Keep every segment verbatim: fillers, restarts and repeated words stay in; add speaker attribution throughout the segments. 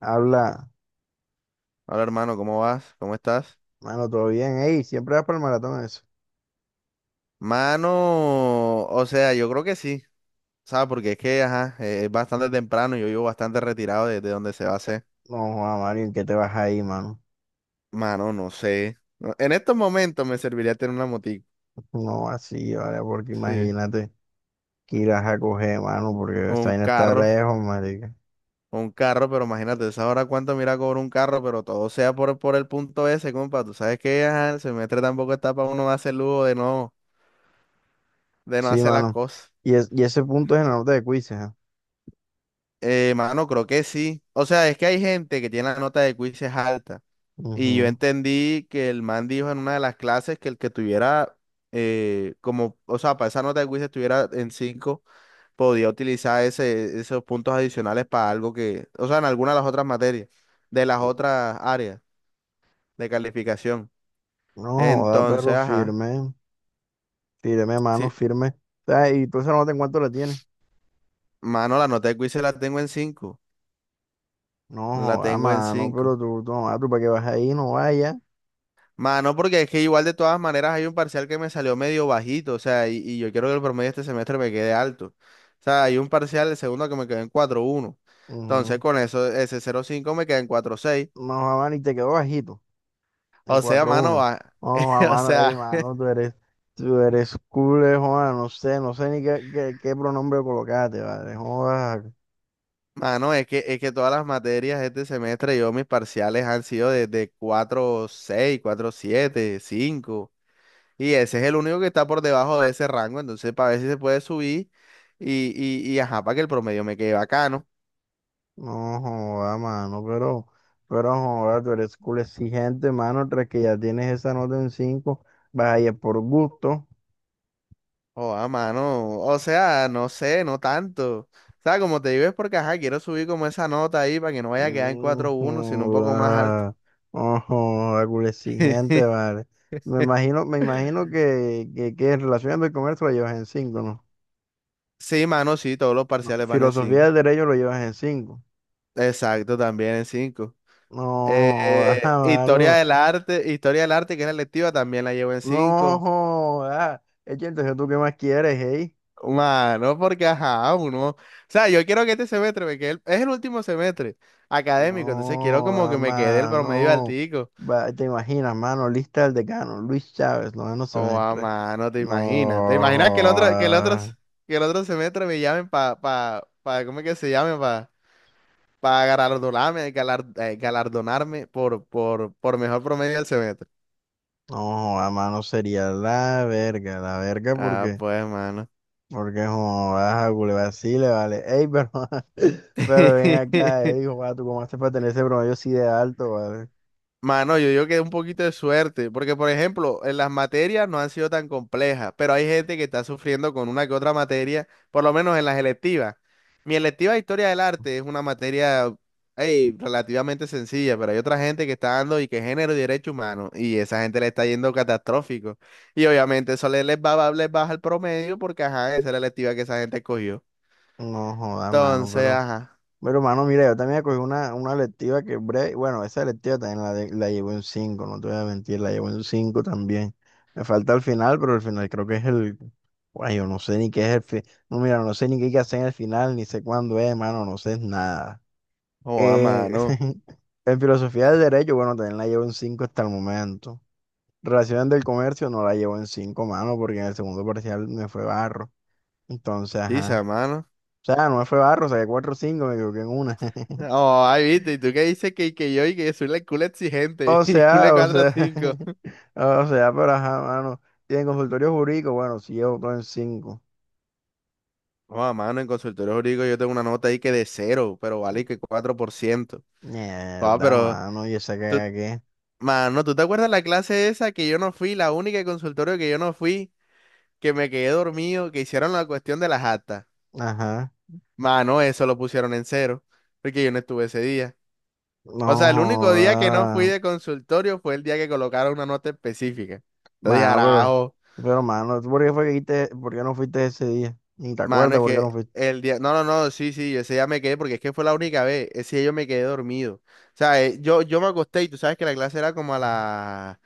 Speaker 1: Habla,
Speaker 2: Hola hermano, ¿cómo vas? ¿Cómo estás?
Speaker 1: mano, todo bien, ey, siempre vas para el maratón eso.
Speaker 2: Mano, o sea, yo creo que sí, ¿sabes? Porque es que, ajá, eh, es bastante temprano y yo vivo bastante retirado de, de donde se va a hacer.
Speaker 1: No, Juan Mario, ¿en qué te vas ahí, mano?
Speaker 2: Mano, no sé. No, en estos momentos me serviría tener una motico,
Speaker 1: No, así, vale, porque
Speaker 2: sí,
Speaker 1: imagínate que irás a coger, mano, porque
Speaker 2: o
Speaker 1: esa
Speaker 2: un
Speaker 1: vaina está
Speaker 2: carro,
Speaker 1: lejos, marica.
Speaker 2: o un carro, pero imagínate, ¿sabes ahora cuánto mira cobra un carro? Pero todo sea por, por el punto ese, compa. Tú sabes que, ajá, el semestre tampoco está para uno darse el lujo de no, de no
Speaker 1: Sí,
Speaker 2: hacer las
Speaker 1: mano.
Speaker 2: cosas.
Speaker 1: Y, es- y ese punto es en la nota de quizzes, ¿eh?
Speaker 2: Eh, mano, creo que sí. O sea, es que hay gente que tiene la nota de quizzes alta. Y yo
Speaker 1: Ujú.
Speaker 2: entendí que el man dijo en una de las clases que el que tuviera, eh, como, o sea, para esa nota de quiz estuviera en cinco podía utilizar ese, esos puntos adicionales para algo que, o sea, en alguna de las otras materias, de las otras áreas de calificación.
Speaker 1: No joda, perro,
Speaker 2: Entonces, ajá,
Speaker 1: firme, firme, mano,
Speaker 2: sí,
Speaker 1: firme. O y tú esa nota en cuánto la tienes.
Speaker 2: mano, la nota de quiz se la tengo en cinco
Speaker 1: No
Speaker 2: la
Speaker 1: joda,
Speaker 2: tengo en
Speaker 1: mano, pero
Speaker 2: cinco
Speaker 1: tú, tú, no, ah, tú para que vas ahí, no vaya.
Speaker 2: Mano, porque es que igual de todas maneras hay un parcial que me salió medio bajito, o sea, y, y yo quiero que el promedio este semestre me quede alto. O sea, hay un parcial, el segundo que me quedó en cuatro coma uno. Entonces,
Speaker 1: Ujú.
Speaker 2: con eso, ese cero coma cinco me queda en cuatro coma seis.
Speaker 1: No joda, mano, y te quedó bajito. En
Speaker 2: O sea,
Speaker 1: cuatro
Speaker 2: mano,
Speaker 1: uno.
Speaker 2: va-
Speaker 1: No, a
Speaker 2: o
Speaker 1: mano, ey,
Speaker 2: sea,
Speaker 1: mano, tú eres, tú eres cool, eh, joda, no sé, no sé ni qué, qué, qué pronombre colocaste, ¿vale? Joda,
Speaker 2: mano, es que, es que todas las materias este semestre, yo mis parciales han sido de, de cuatro coma seis, siete cinco. Y ese es el único que está por debajo de ese rango, entonces, para ver si se puede subir y, y, y ajá, para que el promedio me quede bacano.
Speaker 1: no, joda, mano, pero, pero, no joda, tú eres cool, exigente, mano, tras que ya tienes esa nota en cinco, vas a ir por gusto.
Speaker 2: Oh, a mano. O sea, no sé, no tanto. O sea, como te digo es porque, ajá, quiero subir como esa nota ahí para que no vaya a quedar en
Speaker 1: Mm,
Speaker 2: cuatro uno sino un poco más alto.
Speaker 1: joda, no, joda, cool, exigente, ¿vale? Me imagino, me imagino que, que, que en relaciones del comercio lo llevas en cinco, ¿no?
Speaker 2: Sí, mano, sí, todos los
Speaker 1: No,
Speaker 2: parciales van en
Speaker 1: Filosofía
Speaker 2: cinco.
Speaker 1: del derecho lo llevas en cinco.
Speaker 2: Exacto, también en cinco.
Speaker 1: No, joda,
Speaker 2: historia
Speaker 1: mano.
Speaker 2: del arte, historia del arte, que es la electiva, también la llevo en
Speaker 1: No,
Speaker 2: cinco.
Speaker 1: joda. Es entonces tú qué más quieres, hey.
Speaker 2: Mano, porque ajá, uno. O sea, yo quiero que este semestre me quede, el- es el último semestre
Speaker 1: No,
Speaker 2: académico, entonces quiero como
Speaker 1: joda,
Speaker 2: que me quede el promedio
Speaker 1: mano.
Speaker 2: altico.
Speaker 1: Va, te imaginas, mano, lista del decano, Luis Chávez, noveno
Speaker 2: Oh, a
Speaker 1: semestre.
Speaker 2: mano, te
Speaker 1: No,
Speaker 2: imaginas. ¿Te imaginas que el otro, que el otro, s-
Speaker 1: joda.
Speaker 2: que el otro semestre me llamen para, pa, pa, pa- ¿cómo es que se llame? Para pa pa galardonarme, galar- eh, galardonarme por, por, por mejor promedio del semestre?
Speaker 1: No, joda, mano, sería la verga, la verga
Speaker 2: Ah,
Speaker 1: porque,
Speaker 2: pues, mano.
Speaker 1: porque joda, a Culebra sí le vale. Ey, pero, pero ven acá, ey, joda, tú cómo haces para tener ese promedio así de alto, vale.
Speaker 2: Mano, yo digo que un poquito de suerte, porque por ejemplo, en las materias no han sido tan complejas, pero hay gente que está sufriendo con una que otra materia, por lo menos en las electivas. Mi electiva de Historia del Arte es una materia ey, relativamente sencilla, pero hay otra gente que está dando y que género y derecho humano, y esa gente le está yendo catastrófico. Y obviamente eso le- les va, les baja el promedio porque, ajá, esa es la electiva que esa gente escogió.
Speaker 1: No, joda, mano,
Speaker 2: Entonces,
Speaker 1: pero.
Speaker 2: ajá,
Speaker 1: Pero, hermano, mira, yo también cogí una, una electiva que breve, bueno, esa electiva también la, de- la llevo en cinco, no te voy a mentir, la llevo en cinco también. Me falta el final, pero el final creo que es el, guay, yo no sé ni qué es el final, no, mira, no sé ni qué hay que hacer en el final, ni sé cuándo es, hermano, no sé nada.
Speaker 2: joda,
Speaker 1: Eh,
Speaker 2: mano,
Speaker 1: en filosofía del derecho, bueno, también la llevo en cinco hasta el momento. Relaciones del comercio no la llevo en cinco, mano, porque en el segundo parcial me fue barro. Entonces,
Speaker 2: sí, sea,
Speaker 1: ajá.
Speaker 2: mano.
Speaker 1: O sea, no me fue barro, saqué cuatro o cinco, me equivoqué en una.
Speaker 2: Oh, ahí viste, y tú qué dices que, que yo y que soy la culo exigente,
Speaker 1: O
Speaker 2: y culo
Speaker 1: sea, o
Speaker 2: cuatro a
Speaker 1: sea,
Speaker 2: cinco.
Speaker 1: o sea, pero ajá, mano. Tiene consultorio jurídico, bueno, si llevo todo en cinco.
Speaker 2: No, mano, en consultorio jurídico yo tengo una nota ahí que de cero, pero vale que cuatro por ciento. Ah,
Speaker 1: Mierda,
Speaker 2: pero,
Speaker 1: mano, y esa
Speaker 2: tú,
Speaker 1: caga qué.
Speaker 2: mano, ¿tú te acuerdas la clase esa que yo no fui, la única de consultorio que yo no fui, que me quedé dormido, que hicieron la cuestión de las actas?
Speaker 1: Ajá.
Speaker 2: Mano, eso lo pusieron en cero, porque yo no estuve ese día.
Speaker 1: No
Speaker 2: O sea, el único día que no fui
Speaker 1: joda.
Speaker 2: de consultorio fue el día que colocaron una nota específica. Entonces dije,
Speaker 1: Mano, pero, pero, mano, ¿tú por qué fue que fuiste, por qué no fuiste ese día? Ni te
Speaker 2: Mano,
Speaker 1: acuerdas
Speaker 2: es
Speaker 1: por qué
Speaker 2: que
Speaker 1: no fuiste.
Speaker 2: el día. No, no, no, sí, sí, ese día me quedé porque es que fue la única vez. Ese día yo me quedé dormido. O sea, eh, yo, yo me acosté y tú sabes que la clase era como a las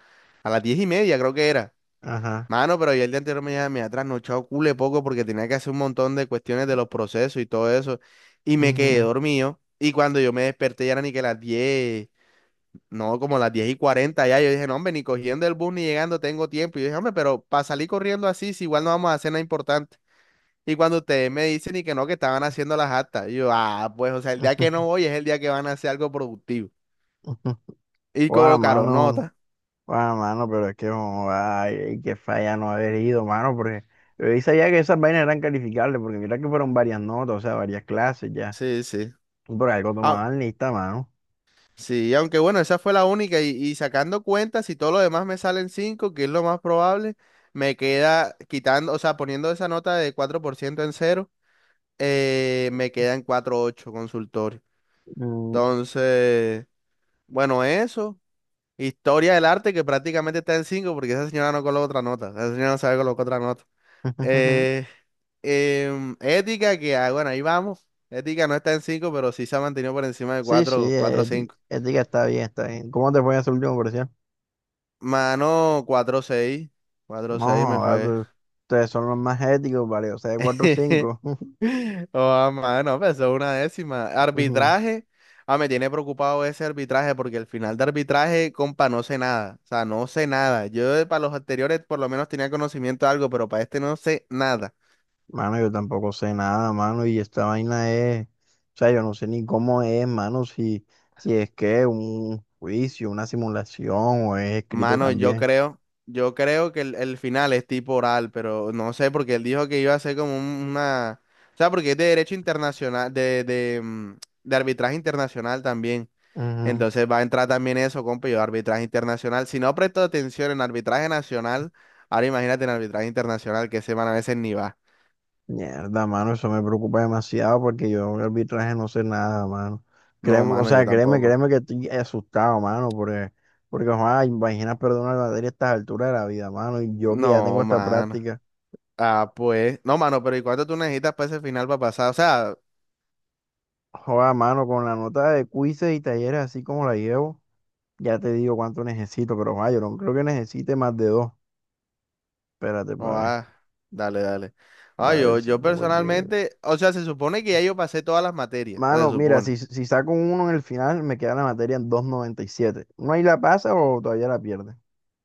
Speaker 2: a las diez y media, creo que era.
Speaker 1: Ajá.
Speaker 2: Mano, pero yo el día anterior me había me había trasnochado cule poco porque tenía que hacer un montón de cuestiones de los procesos y todo eso. Y me quedé
Speaker 1: Ujú,
Speaker 2: dormido. Y cuando yo me desperté ya era ni que las diez, no, como las diez y cuarenta ya. Yo dije, no, hombre, ni cogiendo el bus ni llegando tengo tiempo. Y yo dije, hombre, pero para salir corriendo así, si igual no vamos a hacer nada importante. Y cuando ustedes me dicen y que no, que estaban haciendo las actas, y yo, ah, pues, o sea, el día que no
Speaker 1: ujú,
Speaker 2: voy es el día que van a hacer algo productivo.
Speaker 1: ujú.
Speaker 2: Y
Speaker 1: Guau,
Speaker 2: colocaron
Speaker 1: mano.
Speaker 2: nota.
Speaker 1: Ah, mano, pero es que, oh, ay, qué falla no haber ido, mano, porque yo sabía que esas vainas eran calificables, porque mira que fueron varias notas, o sea, varias clases ya.
Speaker 2: Sí, sí.
Speaker 1: Por algo
Speaker 2: Ah,
Speaker 1: tomaban lista, mano.
Speaker 2: sí, aunque bueno, esa fue la única. Y, y sacando cuentas, si todo lo demás me salen cinco, que es lo más probable, me queda quitando, o sea, poniendo esa nota de cuatro por ciento en cero, eh, me queda en cuatro coma ocho consultorio.
Speaker 1: Mm,
Speaker 2: Entonces, bueno, eso. Historia del arte que prácticamente está en cinco porque esa señora no coloca otra nota. Esa señora no sabe colocar otra nota. Eh, em, Ética, que ah, bueno, ahí vamos. Ética no está en cinco pero sí se ha mantenido por encima de
Speaker 1: Sí, sí,
Speaker 2: cuatro
Speaker 1: eh,
Speaker 2: cuatro
Speaker 1: ética,
Speaker 2: cinco.
Speaker 1: ética está bien, está bien. ¿Cómo te fue en esa último versión?
Speaker 2: Mano, cuatro seis, cuatro
Speaker 1: No,
Speaker 2: seis me fue.
Speaker 1: joda, tú- ustedes son los más éticos, vale, o sea, cuatro cinco.
Speaker 2: Oh, mano, pesó una décima. Arbitraje. Ah, me tiene preocupado ese arbitraje porque el final de arbitraje, compa, no sé nada. O sea, no sé nada. Yo, eh, para los anteriores por lo menos tenía conocimiento de algo, pero para este no sé nada.
Speaker 1: Mano, yo tampoco sé nada, mano, y esta vaina es, o sea, yo no sé ni cómo es, mano, si, si es que un juicio, una simulación o es escrito
Speaker 2: Mano, yo
Speaker 1: también.
Speaker 2: creo, yo creo que el, el final es tipo oral, pero no sé, porque él dijo que iba a ser como un- una, o sea, porque es de derecho internacional, de, de, mm, de arbitraje internacional también.
Speaker 1: Ujú.
Speaker 2: Entonces va a entrar también eso, compa, yo arbitraje internacional. Si no presto atención en arbitraje nacional, ahora imagínate en arbitraje internacional, que semana a veces ni va.
Speaker 1: Mierda, mano, eso me preocupa demasiado porque yo de arbitraje no sé nada, mano.
Speaker 2: No,
Speaker 1: Créeme, o
Speaker 2: mano, yo
Speaker 1: sea, créeme,
Speaker 2: tampoco.
Speaker 1: créeme que estoy asustado, mano, porque, porque, joder, imagina perder una materia a estas alturas de la vida, mano, y yo que ya tengo
Speaker 2: No,
Speaker 1: esta
Speaker 2: mano.
Speaker 1: práctica.
Speaker 2: Ah, pues. No, mano, pero ¿y cuánto tú necesitas para ese final para pasar? O sea,
Speaker 1: Joder, mano, con la nota de quizzes y talleres así como la llevo. Ya te digo cuánto necesito, pero ah, yo no creo que necesite más de dos. Espérate,
Speaker 2: no,
Speaker 1: para ver.
Speaker 2: ah, dale, dale.
Speaker 1: Va
Speaker 2: Ah,
Speaker 1: a ver
Speaker 2: yo,
Speaker 1: si
Speaker 2: yo
Speaker 1: pongo aquí.
Speaker 2: personalmente, o sea, se supone que ya yo pasé todas las materias, se
Speaker 1: Mano, mira,
Speaker 2: supone.
Speaker 1: si, si saco un uno en el final, me queda la materia en dos coma noventa y siete. ¿No ahí la pasa o todavía la pierde?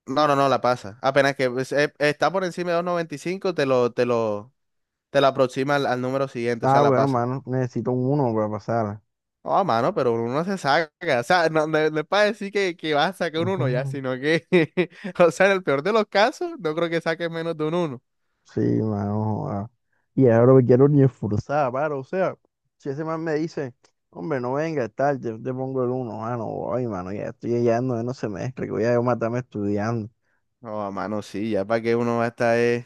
Speaker 2: No, no, no, la pasa. Apenas que pues, eh, está por encima de dos noventa y cinco, te lo, te lo, te lo aproxima al, al número siguiente, o
Speaker 1: Ah,
Speaker 2: sea, la
Speaker 1: bueno,
Speaker 2: pasa.
Speaker 1: mano, necesito un uno para pasarla.
Speaker 2: Ah, mano, pero uno no se saca. O sea, no, no- no es para decir que, que vas a sacar un uno ya,
Speaker 1: Ujú.
Speaker 2: sino que, o sea, en el peor de los casos, no creo que saques menos de un uno.
Speaker 1: Sí, mano. joda. Y ahora me quiero ni esforzar, para, o sea, si ese man me dice, hombre, no venga, tal, yo te pongo el uno, mano, ay, mano, ya estoy ya no, no se mezcla, que voy a yo matarme estudiando.
Speaker 2: No, a mano, sí, ya para qué uno va a estar, eh,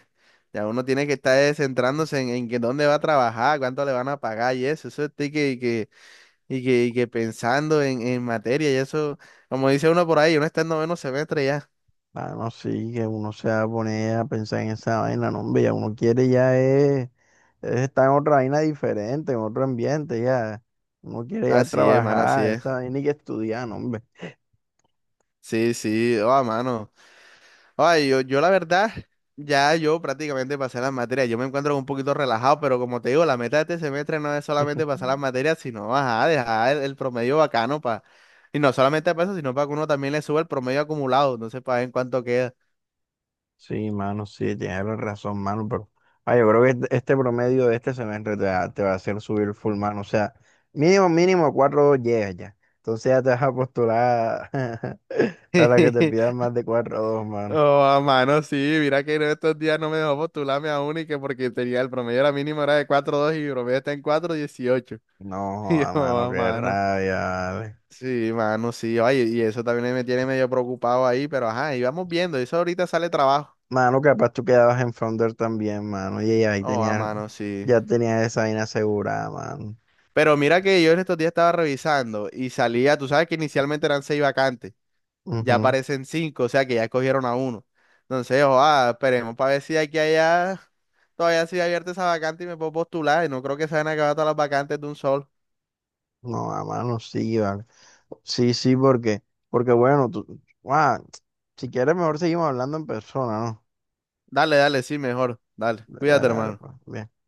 Speaker 2: ya uno tiene que estar eh, centrándose en, en que dónde va a trabajar, cuánto le van a pagar y eso, eso estoy que, que, y que, y que pensando en, en materia y eso, como dice uno por ahí, uno está en noveno semestre ya.
Speaker 1: Mano sí, que uno se va a poner a pensar en esa vaina, no, hombre, ya uno quiere ya es, es, estar en otra vaina diferente, en otro ambiente, ya. Uno quiere ya
Speaker 2: Así es, mano, así
Speaker 1: trabajar,
Speaker 2: es.
Speaker 1: esa vaina y que estudiar, no, hombre.
Speaker 2: Sí, sí, oh, a mano. Ay, yo, yo la verdad, ya yo prácticamente pasé las materias, yo me encuentro un poquito relajado, pero como te digo, la meta de este semestre no es solamente pasar las materias, sino, ajá, dejar el, el promedio bacano. Y no solamente para eso, sino para que uno también le suba el promedio acumulado. No sé, para ver en cuánto queda.
Speaker 1: Sí, mano, sí, tienes la razón, mano, pero ay, yo creo que este, este promedio de este semestre te va, te va a hacer subir full, mano, o sea, mínimo, mínimo cuatro llegas ya. Entonces ya te vas a postular para que te pidan más de cuatro o dos, mano.
Speaker 2: Oh, a mano, sí. Mira que en estos días no me dejó postularme a única porque tenía el promedio, era mínimo, era de cuatro coma dos y mi promedio está en cuatro coma dieciocho.
Speaker 1: No,
Speaker 2: Y yo,
Speaker 1: a mano,
Speaker 2: oh,
Speaker 1: qué
Speaker 2: mano.
Speaker 1: rabia, vale.
Speaker 2: Sí, mano, sí. Oye, y eso también me tiene medio preocupado ahí, pero ajá, y vamos viendo. Eso ahorita sale trabajo.
Speaker 1: Mano, capaz tú quedabas en Founder también, mano. Y ahí
Speaker 2: Oh, a
Speaker 1: tenía,
Speaker 2: mano, sí.
Speaker 1: ya tenía esa vaina asegurada, mano.
Speaker 2: Pero mira que yo en estos días estaba revisando y salía. Tú sabes que inicialmente eran seis vacantes. Ya
Speaker 1: Ujú.
Speaker 2: aparecen cinco, o sea que ya cogieron a uno. Entonces, ojalá, esperemos para ver si de aquí a allá todavía sigue abierta esa vacante y me puedo postular. Y no creo que se van a acabar todas las vacantes de un sol.
Speaker 1: No, a mano sí, vale. Sí, sí, porque, porque, bueno, tú, guau, si quieres mejor seguimos hablando en persona, ¿no?
Speaker 2: Dale, dale, sí, mejor. Dale,
Speaker 1: Dale,
Speaker 2: cuídate,
Speaker 1: dale,
Speaker 2: hermano.
Speaker 1: pues. bien.